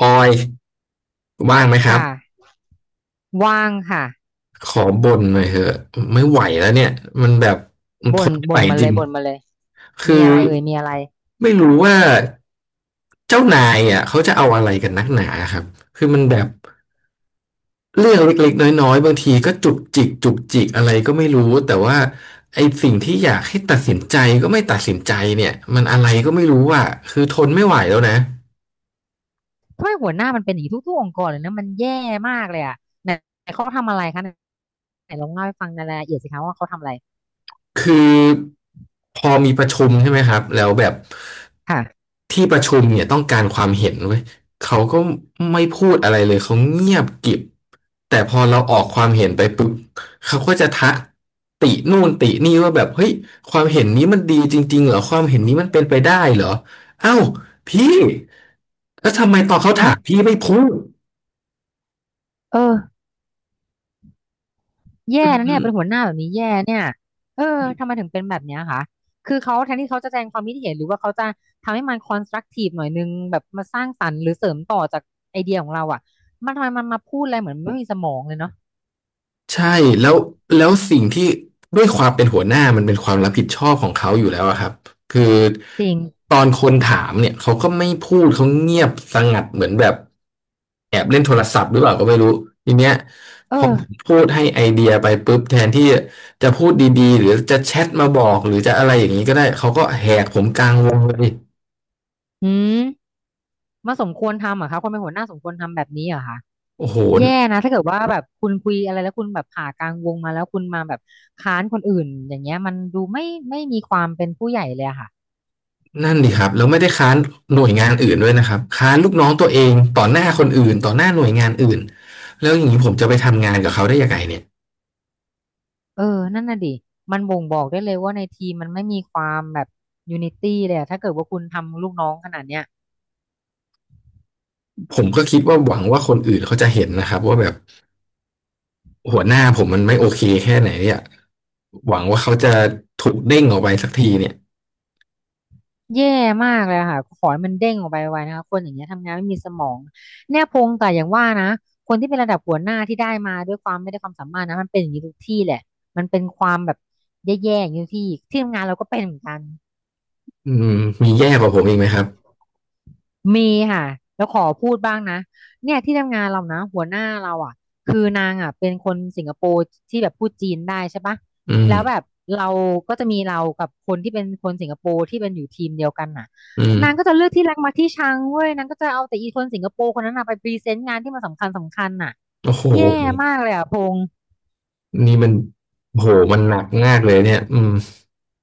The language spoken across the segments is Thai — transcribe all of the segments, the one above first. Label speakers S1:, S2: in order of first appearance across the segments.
S1: ออยว่างไหมครับ
S2: ค่ะว่างค่ะ
S1: ขอบ่นหน่อยเถอะไม่ไหวแล้วเนี่ยมันแบบมันท
S2: บ่น
S1: นไม่ไห
S2: บ่
S1: ว
S2: นมา
S1: จ
S2: เล
S1: ริ
S2: ย
S1: ง
S2: บ่นมาเลย
S1: คือ
S2: มีอะไรเอ่ยมีอะไร
S1: ไม่รู้ว่าเจ้านายอ่ะเขาจะเอาอะไรกันนักหนาครับคือมันแบบเรื่องเล็กๆน้อยๆบางทีก็จุกจิกจุกจิกอะไรก็ไม่รู้แต่ว่าไอ้สิ่งที่อยากให้ตัดสินใจก็ไม่ตัดสินใจเนี่ยมันอะไรก็ไม่รู้อ่ะคือทนไม่ไหวแล้วนะ
S2: ทำไมหัวหน้ามันเป็นอย่างนี้ทุกๆองค์กรเลยนะมันแย่มากเลยอ่ะไหนไหนเขาทำอะไรคะไหนไหนลองเล่าให้ฟังในรายละเอียดสิคะว่าเขาทำอะไร
S1: คือพอมีประชุมใช่ไหมครับแล้วแบบ
S2: ค่ะ
S1: ที่ประชุมเนี่ยต้องการความเห็นเว้ยเขาก็ไม่พูดอะไรเลยเขาเงียบกริบแต่พอเราออกความเห็นไปปุ๊บเขาก็จะทักตินู่นตินี่ว่าแบบเฮ้ยความเห็นนี้มันดีจริงๆเหรอความเห็นนี้มันเป็นไปได้เหรอเอ้าพี่แล้วทำไมตอนเขา
S2: เอ้า
S1: ถามพี่ไม่พูด
S2: เออแย่นะเนี่ยเป็นหัวหน้าแบบนี้แย่เนี่ยเออทำไมถึงเป็นแบบเนี้ยคะคือเขาแทนที่เขาจะแสดงความคิดเห็นหรือว่าเขาจะทำให้มันคอนสตรักทีฟหน่อยนึงแบบมาสร้างสรรค์หรือเสริมต่อจากไอเดียของเราอ่ะมันทำไมมันมาพูดอะไรเหมือนไม่มีสมองเลยเนาะ
S1: ใช่แล้วแล้วสิ่งที่ด้วยความเป็นหัวหน้ามันเป็นความรับผิดชอบของเขาอยู่แล้วอะครับคือ
S2: จริง
S1: ตอนคนถามเนี่ยเขาก็ไม่พูดเขาเงียบสงัดเหมือนแบบแอบเล่นโทรศัพท์หรือเปล่าก็ไม่รู้ทีเนี้ย
S2: เอ
S1: พอผม
S2: อ
S1: พูดให้ไอเดียไปปุ๊บแทนที่จะพูดดีๆหรือจะแชทมาบอกหรือจะอะไรอย่างนี้ก็ได้เขาก็แหกผมกลางวงเลย
S2: อืม มาสมควรทำเหรอคะคนเป็นหัวหน้าสมควรทำแบบนี้เหรอคะ
S1: โอ้โห
S2: แย่นะถ้าเกิดว่าแบบคุณคุยอะไรแล้วคุณแบบผ่ากลางวงมาแล้วคุณมาแบบค้านคนอื่นอย่างเงี้ยมันดูไม่มีความเป็นผู้ใหญ่เลยอะค่ะ
S1: นั่นดิครับแล้วไม่ได้ค้านหน่วยงานอื่นด้วยนะครับค้านลูกน้องตัวเองต่อหน้าคนอื่นต่อหน้าหน่วยงานอื่นแล้วอย่างนี้ผมจะไปทำงานกับเขาได้ยังไงเนี่ย
S2: เออนั่นน่ะดิมันบ่งบอกได้เลยว่าในทีมมันไม่มีความแบบยูนิตี้เลยอะถ้าเกิดว่าคุณทำลูกน้องขนาดเนี้ย
S1: ผมก็คิดว่าหวังว่าคนอื่นเขาจะเห็นนะครับว่าแบบหัวหน้าผมมันไม่โอเคแค่ไหนเนี่ยหวังว่าเขาจะถูกเด้งออกไปสักทีเนี่ย
S2: แย่มากเลยค่ะขอให้มันเด้งออกไปไวนะคะคนอย่างเงี้ยทำงานไม่มีสมองแน่พงแต่อย่างว่านะคนที่เป็นระดับหัวหน้าที่ได้มาด้วยความไม่ได้ความสามารถนะมันเป็นอย่างนี้ทุกที่แหละมันเป็นความแบบแย่ๆอย่างนี้ทุกที่ที่ทำงานเราก็เป็นเหมือนกัน
S1: อืมมีแย่กว่าผมอีกไหมครับ
S2: มีค่ะแล้วขอพูดบ้างนะเนี่ยที่ทำงานเรานะหัวหน้าเราอ่ะคือนางอ่ะเป็นคนสิงคโปร์ที่แบบพูดจีนได้ใช่ปะ
S1: อืม
S2: แล้วแบบเราก็จะมีเรากับคนที่เป็นคนสิงคโปร์ที่เป็นอยู่ทีมเดียวกันน่ะ
S1: อืม
S2: นางก็จะเลือกที่รักมาที่ชังเว้ยนางก็จะเอาแต่อีคนสิงคโปร์คนนั้นน่ะไปพรีเซนต์งานที่มันสำคัญสำคัญน่ะ
S1: โอ้โห
S2: แย่มากเลยอ่ะพง
S1: นี่มันโอ้โหมันหนักมากเลยเนี่ยอืม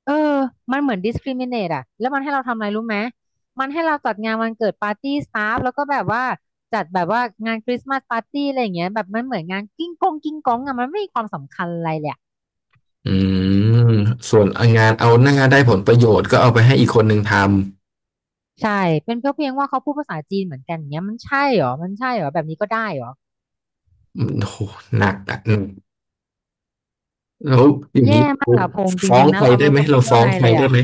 S2: เออมันเหมือน discriminate อะแล้วมันให้เราทำอะไรรู้ไหม มันให้เราจัดงานวันเกิดปาร์ตี้สตาฟแล้วก็แบบว่าจัดแบบว่างานคริสต์มาสปาร์ตี้อะไรอย่างเงี้ยแบบมันเหมือนงานกิ้งกงกิ้งกงอะมันไม่มีความสำคัญอะไรเลยอะ
S1: อืมส่วนงานเอาหน้าได้ผลประโยชน์ก็เอาไปให้อีกคนหนึ่งทำ
S2: ใช่ เป็นเพียงว่าเขาพูดภาษาจีนเหมือนกันอย่างเงี้ยมันใช่เหรอมันใช่เหรอแบบนี้ก็ได้เหรอ
S1: อืมโหหนักอ่ะอืมแล้วอย่าง
S2: แย่
S1: นี้
S2: มากอะพงษ์จ
S1: ฟ้อ
S2: ริ
S1: ง
S2: งๆนะ
S1: ใคร
S2: เรา
S1: ได้
S2: ไม่
S1: ไห
S2: รู้
S1: ม
S2: จะพู
S1: เรา
S2: ด
S1: ฟ้
S2: ว่า
S1: อง
S2: ไง
S1: ใคร
S2: เลย
S1: ได้
S2: อะ
S1: ไหม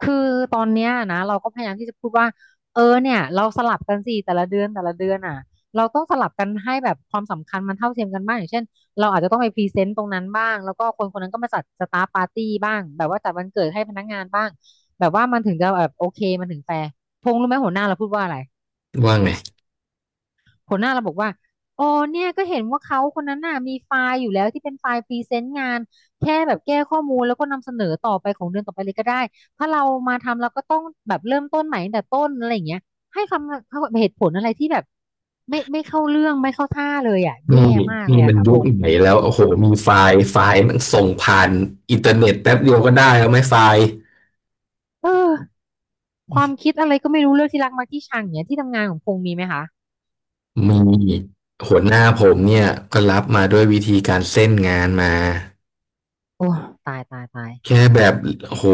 S2: คือตอนเนี้ยนะเราก็พยายามที่จะพูดว่าเออเนี่ยเราสลับกันสิแต่ละเดือนแต่ละเดือนอ่ะเราต้องสลับกันให้แบบความสำคัญมันเท่าเทียมกันบ้างอย่างเช่นเราอาจจะต้องไปพรีเซนต์ตรงนั้นบ้างแล้วก็คนคนนั้นก็มาจัดสตาฟปาร์ตี้บ้างแบบว่าจัดวันเกิดให้พนักงานบ้างแบบว่ามันถึงจะแบบโอเคมันถึงแฟร์พงษ์รู้ไหมหัวหน้าเราพูดว่าอะไร
S1: ว่าไง
S2: หัวหน้าเราบอกว่าอ๋อเนี่ยก็เห็นว่าเขาคนนั้นน่ะมีไฟล์อยู่แล้วที่เป็นไฟล์พรีเซนต์งานแค่แบบแก้ข้อมูลแล้วก็นำเสนอต่อไปของเดือนต่อไปเลยก็ได้ถ้าเรามาทำเราก็ต้องแบบเริ่มต้นใหม่ตั้งแต่ต้นอะไรอย่างเงี้ยให้คำเหตุผลอะไรที่แบบไม่เข้าเรื่องไม่เข้าท่าเลยอ่ะ
S1: น
S2: แย่
S1: ี่
S2: มากเล
S1: นี่
S2: ย
S1: มั
S2: อะ
S1: น
S2: ค่ะพ
S1: ยุค
S2: งษ์
S1: ไหนแล้วโอ้โหมีไฟล์ไฟล์มันส่งผ่านอินเทอร์เน็ตแป๊บเดียวก็ได้แล้วไหมไฟล์
S2: เออความคิดอะไรก็ไม่รู้เรื่องที่รักมักที่ชังอย่างเงี้ยที่ทำงานของพงษ์มีไหมคะ
S1: มีหัวหน้าผมเนี่ยก็รับมาด้วยวิธีการเส้นงานมา
S2: โอ้ตายตายตาย
S1: แค่แบบโอ้โห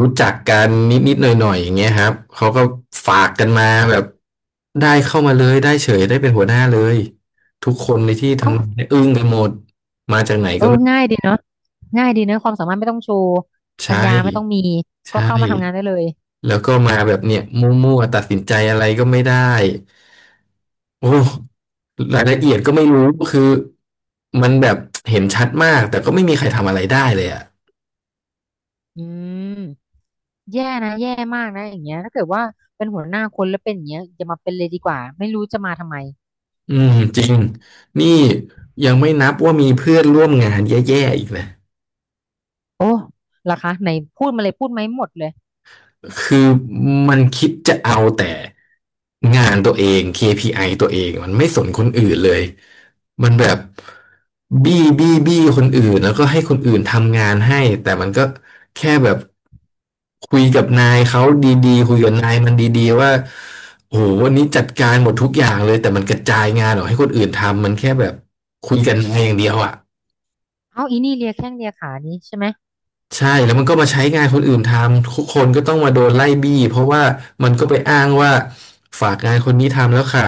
S1: รู้จักกันนิดนิดหน่อยหน่อยๆอย่างเงี้ยครับเขาก็ฝากกันมาแบบได้เข้ามาเลยได้เฉยได้เป็นหัวหน้าเลยทุกคนในที่ทำงานเนี่ยอึ้งกันหมดมาจากไหน
S2: เอ
S1: ก็
S2: อ
S1: ไม่
S2: ง่ายดีเนาะง่ายดีเนอะความสามารถไม่ต้องโชว์ปัญ
S1: ใช่
S2: ญาไม่ต้องมี ก็
S1: ใช่
S2: เข้ามาทำงานได้เลย
S1: แล้วก็มาแบบเนี้ยมั่วๆตัดสินใจอะไรก็ไม่ได้โอ้รายละเอียดก็ไม่รู้คือมันแบบเห็นชัดมากแต่ก็ไม่มีใครทำอะไรได้เลยอะ
S2: อืมแย่นะแย่มากนะอย่างเงี้ยถ้าเกิดว่าเป็นหัวหน้าคนแล้วเป็นอย่างเงี้ยอย่ามาเป็นเลยดีกว่าไม่รู้จะมาทำไม
S1: อืมจริงนี่ยังไม่นับว่ามีเพื่อนร่วมงานแย่ๆอีกนะ
S2: โอ้ล่ะคะไหนพูดมาเลยพูดไหมหมดเลย
S1: คือมันคิดจะเอาแต่งานตัวเอง KPI ตัวเองมันไม่สนคนอื่นเลยมันแบบบี้บี้บี้คนอื่นแล้วก็ให้คนอื่นทำงานให้แต่มันก็แค่แบบคุยกับนายเขาดีๆคุยกับนายมันดีๆว่าโอ้โหวันนี้จัดการหมดทุกอย่างเลยแต่มันกระจายงานออกให้คนอื่นทำมันแค่แบบคุยกันนายอย่างเดียวอ่ะ
S2: เอ้าอีนี่เลียแข้งเลียขานี้ใช่ไหม
S1: ใช่แล้วมันก็มาใช้งานคนอื่นทำทุกคนก็ต้องมาโดนไล่บี้เพราะว่ามันก็ไปอ้างว่าฝากงานคนนี้ทำแล้วค่ะ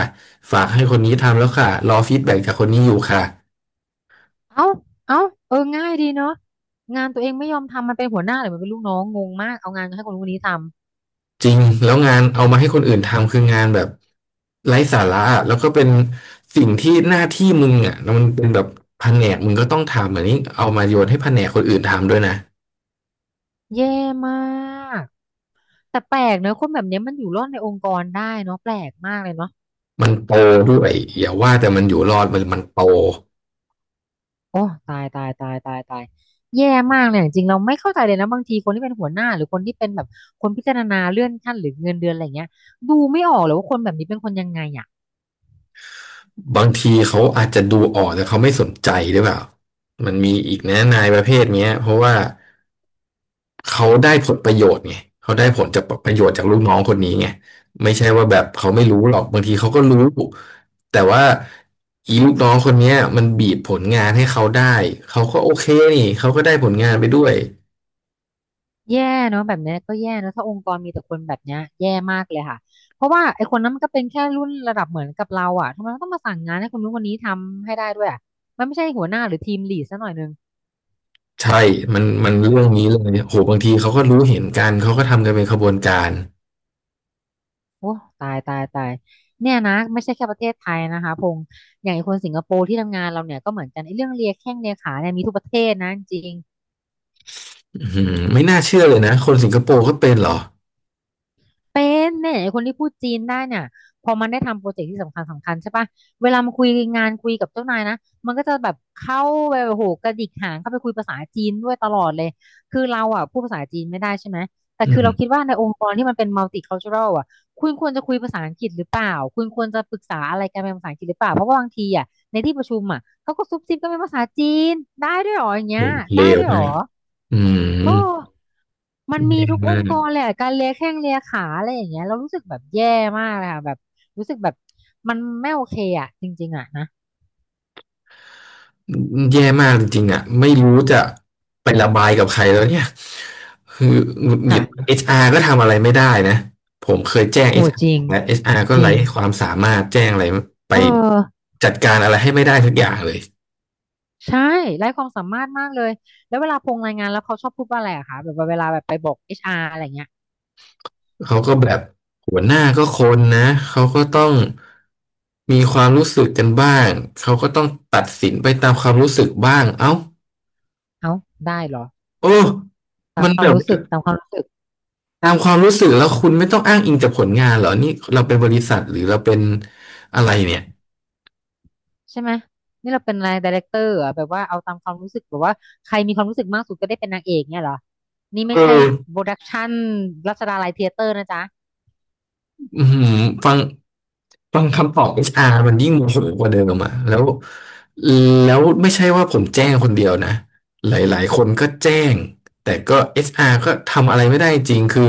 S1: ฝากให้คนนี้ทำแล้วค่ะรอฟีดแบ็กจากคนนี้อยู่ค่ะ
S2: เอ้าเอ้าเออง่ายดีเนาะงานตัวเองไม่ยอมทำมันเป็นหัวหน้าหรือมันเป็นลูกน้องงงมากเอางานให้คนคนนี้ทำ
S1: จริงแล้วงานเอามาให้คนอื่นทำคืองานแบบไร้สาระอะแล้วก็เป็นสิ่งที่หน้าที่มึงอ่ะแล้วมันเป็นแบบแผนกมึงก็ต้องทำอันนี้เอามาโยนให้แผนกคนอื่นทำด้วยนะ
S2: แย่มากแต่แปลกเนอะคนแบบเนี้ยมันอยู่รอดในองค์กรได้เนาะแปลกมากเลยเนาะ
S1: มันโตด้วยอย่าว่าแต่มันอยู่รอดมันโต
S2: โอ้ตายตายตายตายตายแย่มากเลยจริงๆเราไม่เข้าใจเลยนะบางทีคนที่เป็นหัวหน้าหรือคนที่เป็นแบบคนพิจารณาเลื่อนขั้นหรือเงินเดือนอะไรเงี้ยดูไม่ออกเลยว่าคนแบบนี้เป็นคนยังไงอ่ะ
S1: บางทีเขาอาจจะดูออกแต่เขาไม่สนใจหรือเปล่ามันมีอีกนะนายประเภทเนี้ยเพราะว่าเขาได้ผลประโยชน์ไงเขาได้ผลจากประโยชน์จากลูกน้องคนนี้ไงไม่ใช่ว่าแบบเขาไม่รู้หรอกบางทีเขาก็รู้แต่ว่าอีลูกน้องคนเนี้ยมันบีบผลงานให้เขาได้เขาก็โอเคนี่เขาก็ได้ผลงานไปด้วย
S2: แย่เนาะแบบเนี้ยก็แย่เนอะถ้าองค์กรมีแต่คนแบบเนี้ยแย่มากเลยค่ะเพราะว่าไอ้คนนั้นมันก็เป็นแค่รุ่นระดับเหมือนกับเราอ่ะทำไมมันต้องมาสั่งงานให้คนนู้นคนนี้ทำให้ได้ด้วยอ่ะมันไม่ใช่หัวหน้าหรือทีมลีดซะหน่อยนึง
S1: ใช่มันเรื่องนี้เลยโหบางทีเขาก็รู้เห็นกันเขาก็ทำกันเป็นขบวนการ
S2: โอ้ตายตายตายเนี่ยนะไม่ใช่แค่ประเทศไทยนะคะพงษ์อย่างไอ้คนสิงคโปร์ที่ทำงานเราเนี่ยก็เหมือนกันไอ้เรื่องเลียแข้งเลียขาเนี่ยมีทุกประเทศนะจริง
S1: อือหือไม่น่าเชื่อเลยนะคนสิงคโปร์ก็เป็นเหรอ
S2: เป็นเนี่ยไอ้คนที่พูดจีนได้เนี่ยพอมันได้ทำโปรเจกต์ที่สำคัญใช่ปะเวลามาคุยงานคุยกับเจ้านายนะมันก็จะแบบเข้าไปโอ้โหกระดิกหางเข้าไปคุยภาษาจีนด้วยตลอดเลยคือเราอ่ะพูดภาษาจีนไม่ได้ใช่ไหมแต่
S1: อื
S2: คือเรา
S1: ม
S2: คิดว่าในองค์กรที่มันเป็น multicultural อ่ะคุณควรจะคุยภาษาอังกฤษหรือเปล่าคุณควรจะปรึกษาอะไรกันเป็นภาษาอังกฤษหรือเปล่าเพราะว่าบางทีอ่ะในที่ประชุมอ่ะเขาก็ซุบซิบกันเป็นภาษาจีนได้ด้วยเหรออย่างเงี้ย
S1: โอ้เล
S2: ได้
S1: ว
S2: ด้วยเหร
S1: มา
S2: อ
S1: กอื
S2: โอ้
S1: ม
S2: มันมี
S1: แย่
S2: ทุกอ
S1: มา
S2: ง
S1: ก
S2: ค์กรเลยอะการเลียแข้งเลียขาอะไรอย่างเงี้ยเรารู้สึกแบบแย่มากเลยค่ะแบบรู้สึกแบบมันไม่โอเคอ่ะจริงๆอ่ะนะ
S1: แย่มากจริงๆอ่ะไม่รู้จะไประบายกับใครแล้วเนี่ยคือหงุดหงิด
S2: ค่ะ
S1: เอชอาร์ก็ทำอะไรไม่ได้นะผมเคยแจ้ง
S2: โห
S1: เอชอาร์
S2: จริง
S1: และเอชอาร์ก็
S2: จริ
S1: ไร้
S2: ง
S1: ความสามารถแจ้งอะไรไป
S2: เออ
S1: จัดการอะไรให้ไม่ได้สักอย่างเลย
S2: ใช่ไร้ความสามารถมากเลยแล้วเวลาพงรายงานแล้วเขาชอบพูดว่าอะไรอะคะแบบว่าเวลาแบบไปบอกเอชอาร์อะไรเงี้ย
S1: เขาก็แบบหัวหน้าก็คนนะเขาก็ต้องมีความรู้สึกกันบ้างเขาก็ต้องตัดสินไปตามความรู้สึกบ้างเอ้า
S2: เอ้าได้เหรอ
S1: โอ้
S2: ตาม
S1: มัน
S2: ควา
S1: แบ
S2: ม
S1: บ
S2: รู้สึกตามความรู้สึก
S1: ตามความรู้สึกแล้วคุณไม่ต้องอ้างอิงจากผลงานเหรอนี่เราเป็นบริษัทหรือเราเป็นอะไรเนี่ย
S2: ใช่ไหมนี่เราเป็นอะไรดีเรคเตอร์อะแบบว่าเอาตามความรู้สึกแบบว่าใครมีความรู้สึกมากสุดก็ได้เป็นนางเอกเนี่ยเหรอนี่
S1: เอ
S2: ไม่ใช่
S1: อ
S2: โปรดักชันรัชดาลัยเธียเตอร์นะจ๊ะ
S1: อืมฟังฟังคำตอบเอชอาร r มันยิ่งโมโหกว่าเดิมอ่ะแล้วแล้วไม่ใช่ว่าผมแจ้งคนเดียวนะหลาย ๆ คนก็แจ้งแต่ก็เอชอาร r ก็ทำอะไรไม่ได้จริงคือ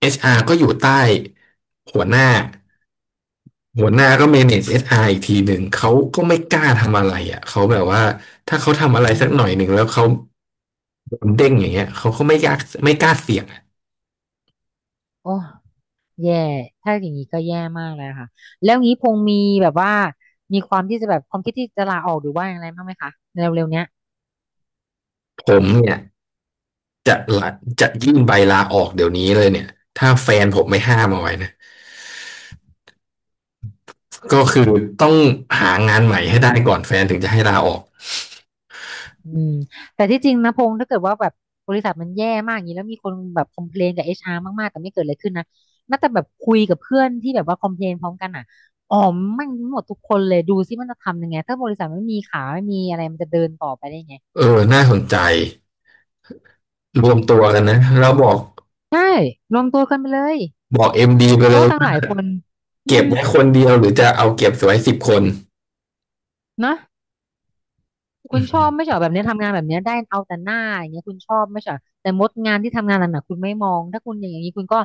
S1: เอชอาร r ก็อยู่ใต้หัวหน้าหัวหน้าก็ manage เอชอาร r อีกทีหนึ่งเขาก็ไม่กล้าทำอะไรอ่ะเขาแบบว่าถ้าเขาทำอะไร
S2: อื
S1: สักหน่อ
S2: ม
S1: ยหนึ่งแล้วเขา โดนเด้งอย่างเงี้ยเขาก็ไม่ยากไม่กล้าเสี่ยงอะ
S2: โอ้แย่ถ้าอย่างนี้ก็แย่มากเลยค่ะแล้วงี้พงมีแบบว่ามีความที่จะแบบความคิดที่จะลาออกหรือว่าอะไรบ้างไหมคะในเร็วๆเนี้ย
S1: ผมเนี่ยจะละจะยื่นใบลาออกเดี๋ยวนี้เลยเนี่ยถ้าแฟนผมไม่ห้ามเอาไว้นะก็คือต้องหางานใหม่ให้ได้ก่อนแฟนถึงจะให้ลาออก
S2: อืมแต่ที่จริงนะพงถ้าเกิดว่าแบบบริษัทมันแย่มากอย่างนี้แล้วมีคนแบบคอมเพลนกับเอชอาร์มากๆแต่ไม่เกิดอะไรขึ้นนะน่าจะแบบคุยกับเพื่อนที่แบบว่าคอมเพลนพร้อมกันอ่ะอ๋อแมันหมดทุกคนเลยดูซิมันจะทำยังไงถ้าบริษัทไม่มีขาไม่มีอะไรมันจะเดินต่อไปได้ยังไง
S1: เออน่าสนใจรวมตัวกันนะแล้วบอก
S2: ใช่รวมตัวกันไปเลย
S1: บอกเอ็มดีไป
S2: เพ
S1: เล
S2: ราะ
S1: ย
S2: ว่า
S1: ว่า
S2: ตั้งหลายคนอื
S1: เก็บ
S2: ม
S1: ไว้คนเดียวหรือจะเอาเก็บไว้10 คน
S2: นะ
S1: อื
S2: คุณชอบไม่ใช่เหรอแบบเนี้ยทำงานแบบเนี้ยได้เอาแต่หน้าอย่างเงี้ยคุณชอบไม่ใช่เหรอแต่มดงานที่ทำงานหนักๆคุณไม่มองถ้าคุณอย่างนี้คุณก็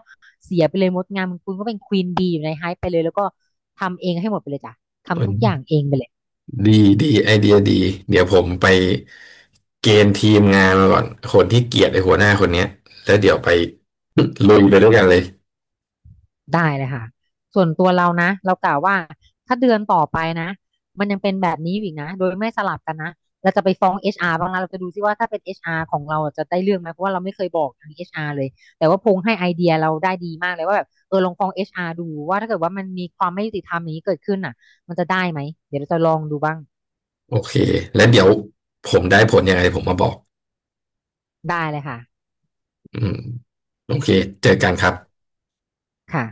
S2: เสียไปเลยมดงานคุณก็เป็นควีนก็ทำเองให้หมดไปเลยจ้ะทำทุกอย่าง
S1: ม
S2: เองไปเลย
S1: ดีดีไอเดียดีเดี๋ยวผมไปเกณฑ์ทีมงานมาก่อนคนที่เกลียดไอ้หัวหน้าคนเนี้ยแล้วเดี๋ยวไปลุยไปด้วยกันเลย
S2: ได้เลยค่ะส่วนตัวเรานะเรากล่าวว่าถ้าเดือนต่อไปนะมันยังเป็นแบบนี้อยู่อีกนะโดยไม่สลับกันนะเราจะไปฟ้อง HR บ้างนะเราจะดูซิว่าถ้าเป็น HR ของเราจะได้เรื่องไหมเพราะว่าเราไม่เคยบอกทาง HR เลยแต่ว่าพงให้ไอเดียเราได้ดีมากเลยว่าแบบเออลองฟ้อง HR ดูว่าถ้าเกิดว่ามันมีความไม่ยุติธรรมอย่างนี้เกิดขึ้นน่ะมันจะได้ไหมเดี๋ยวเราจะลองดูบ้าง
S1: โอเค แล้วเดี๋ยวผมได้ผลยังไงผมมาบอก
S2: ได้เลยค่ะ
S1: อืมโอเค เจอกันครับ
S2: ค่ะ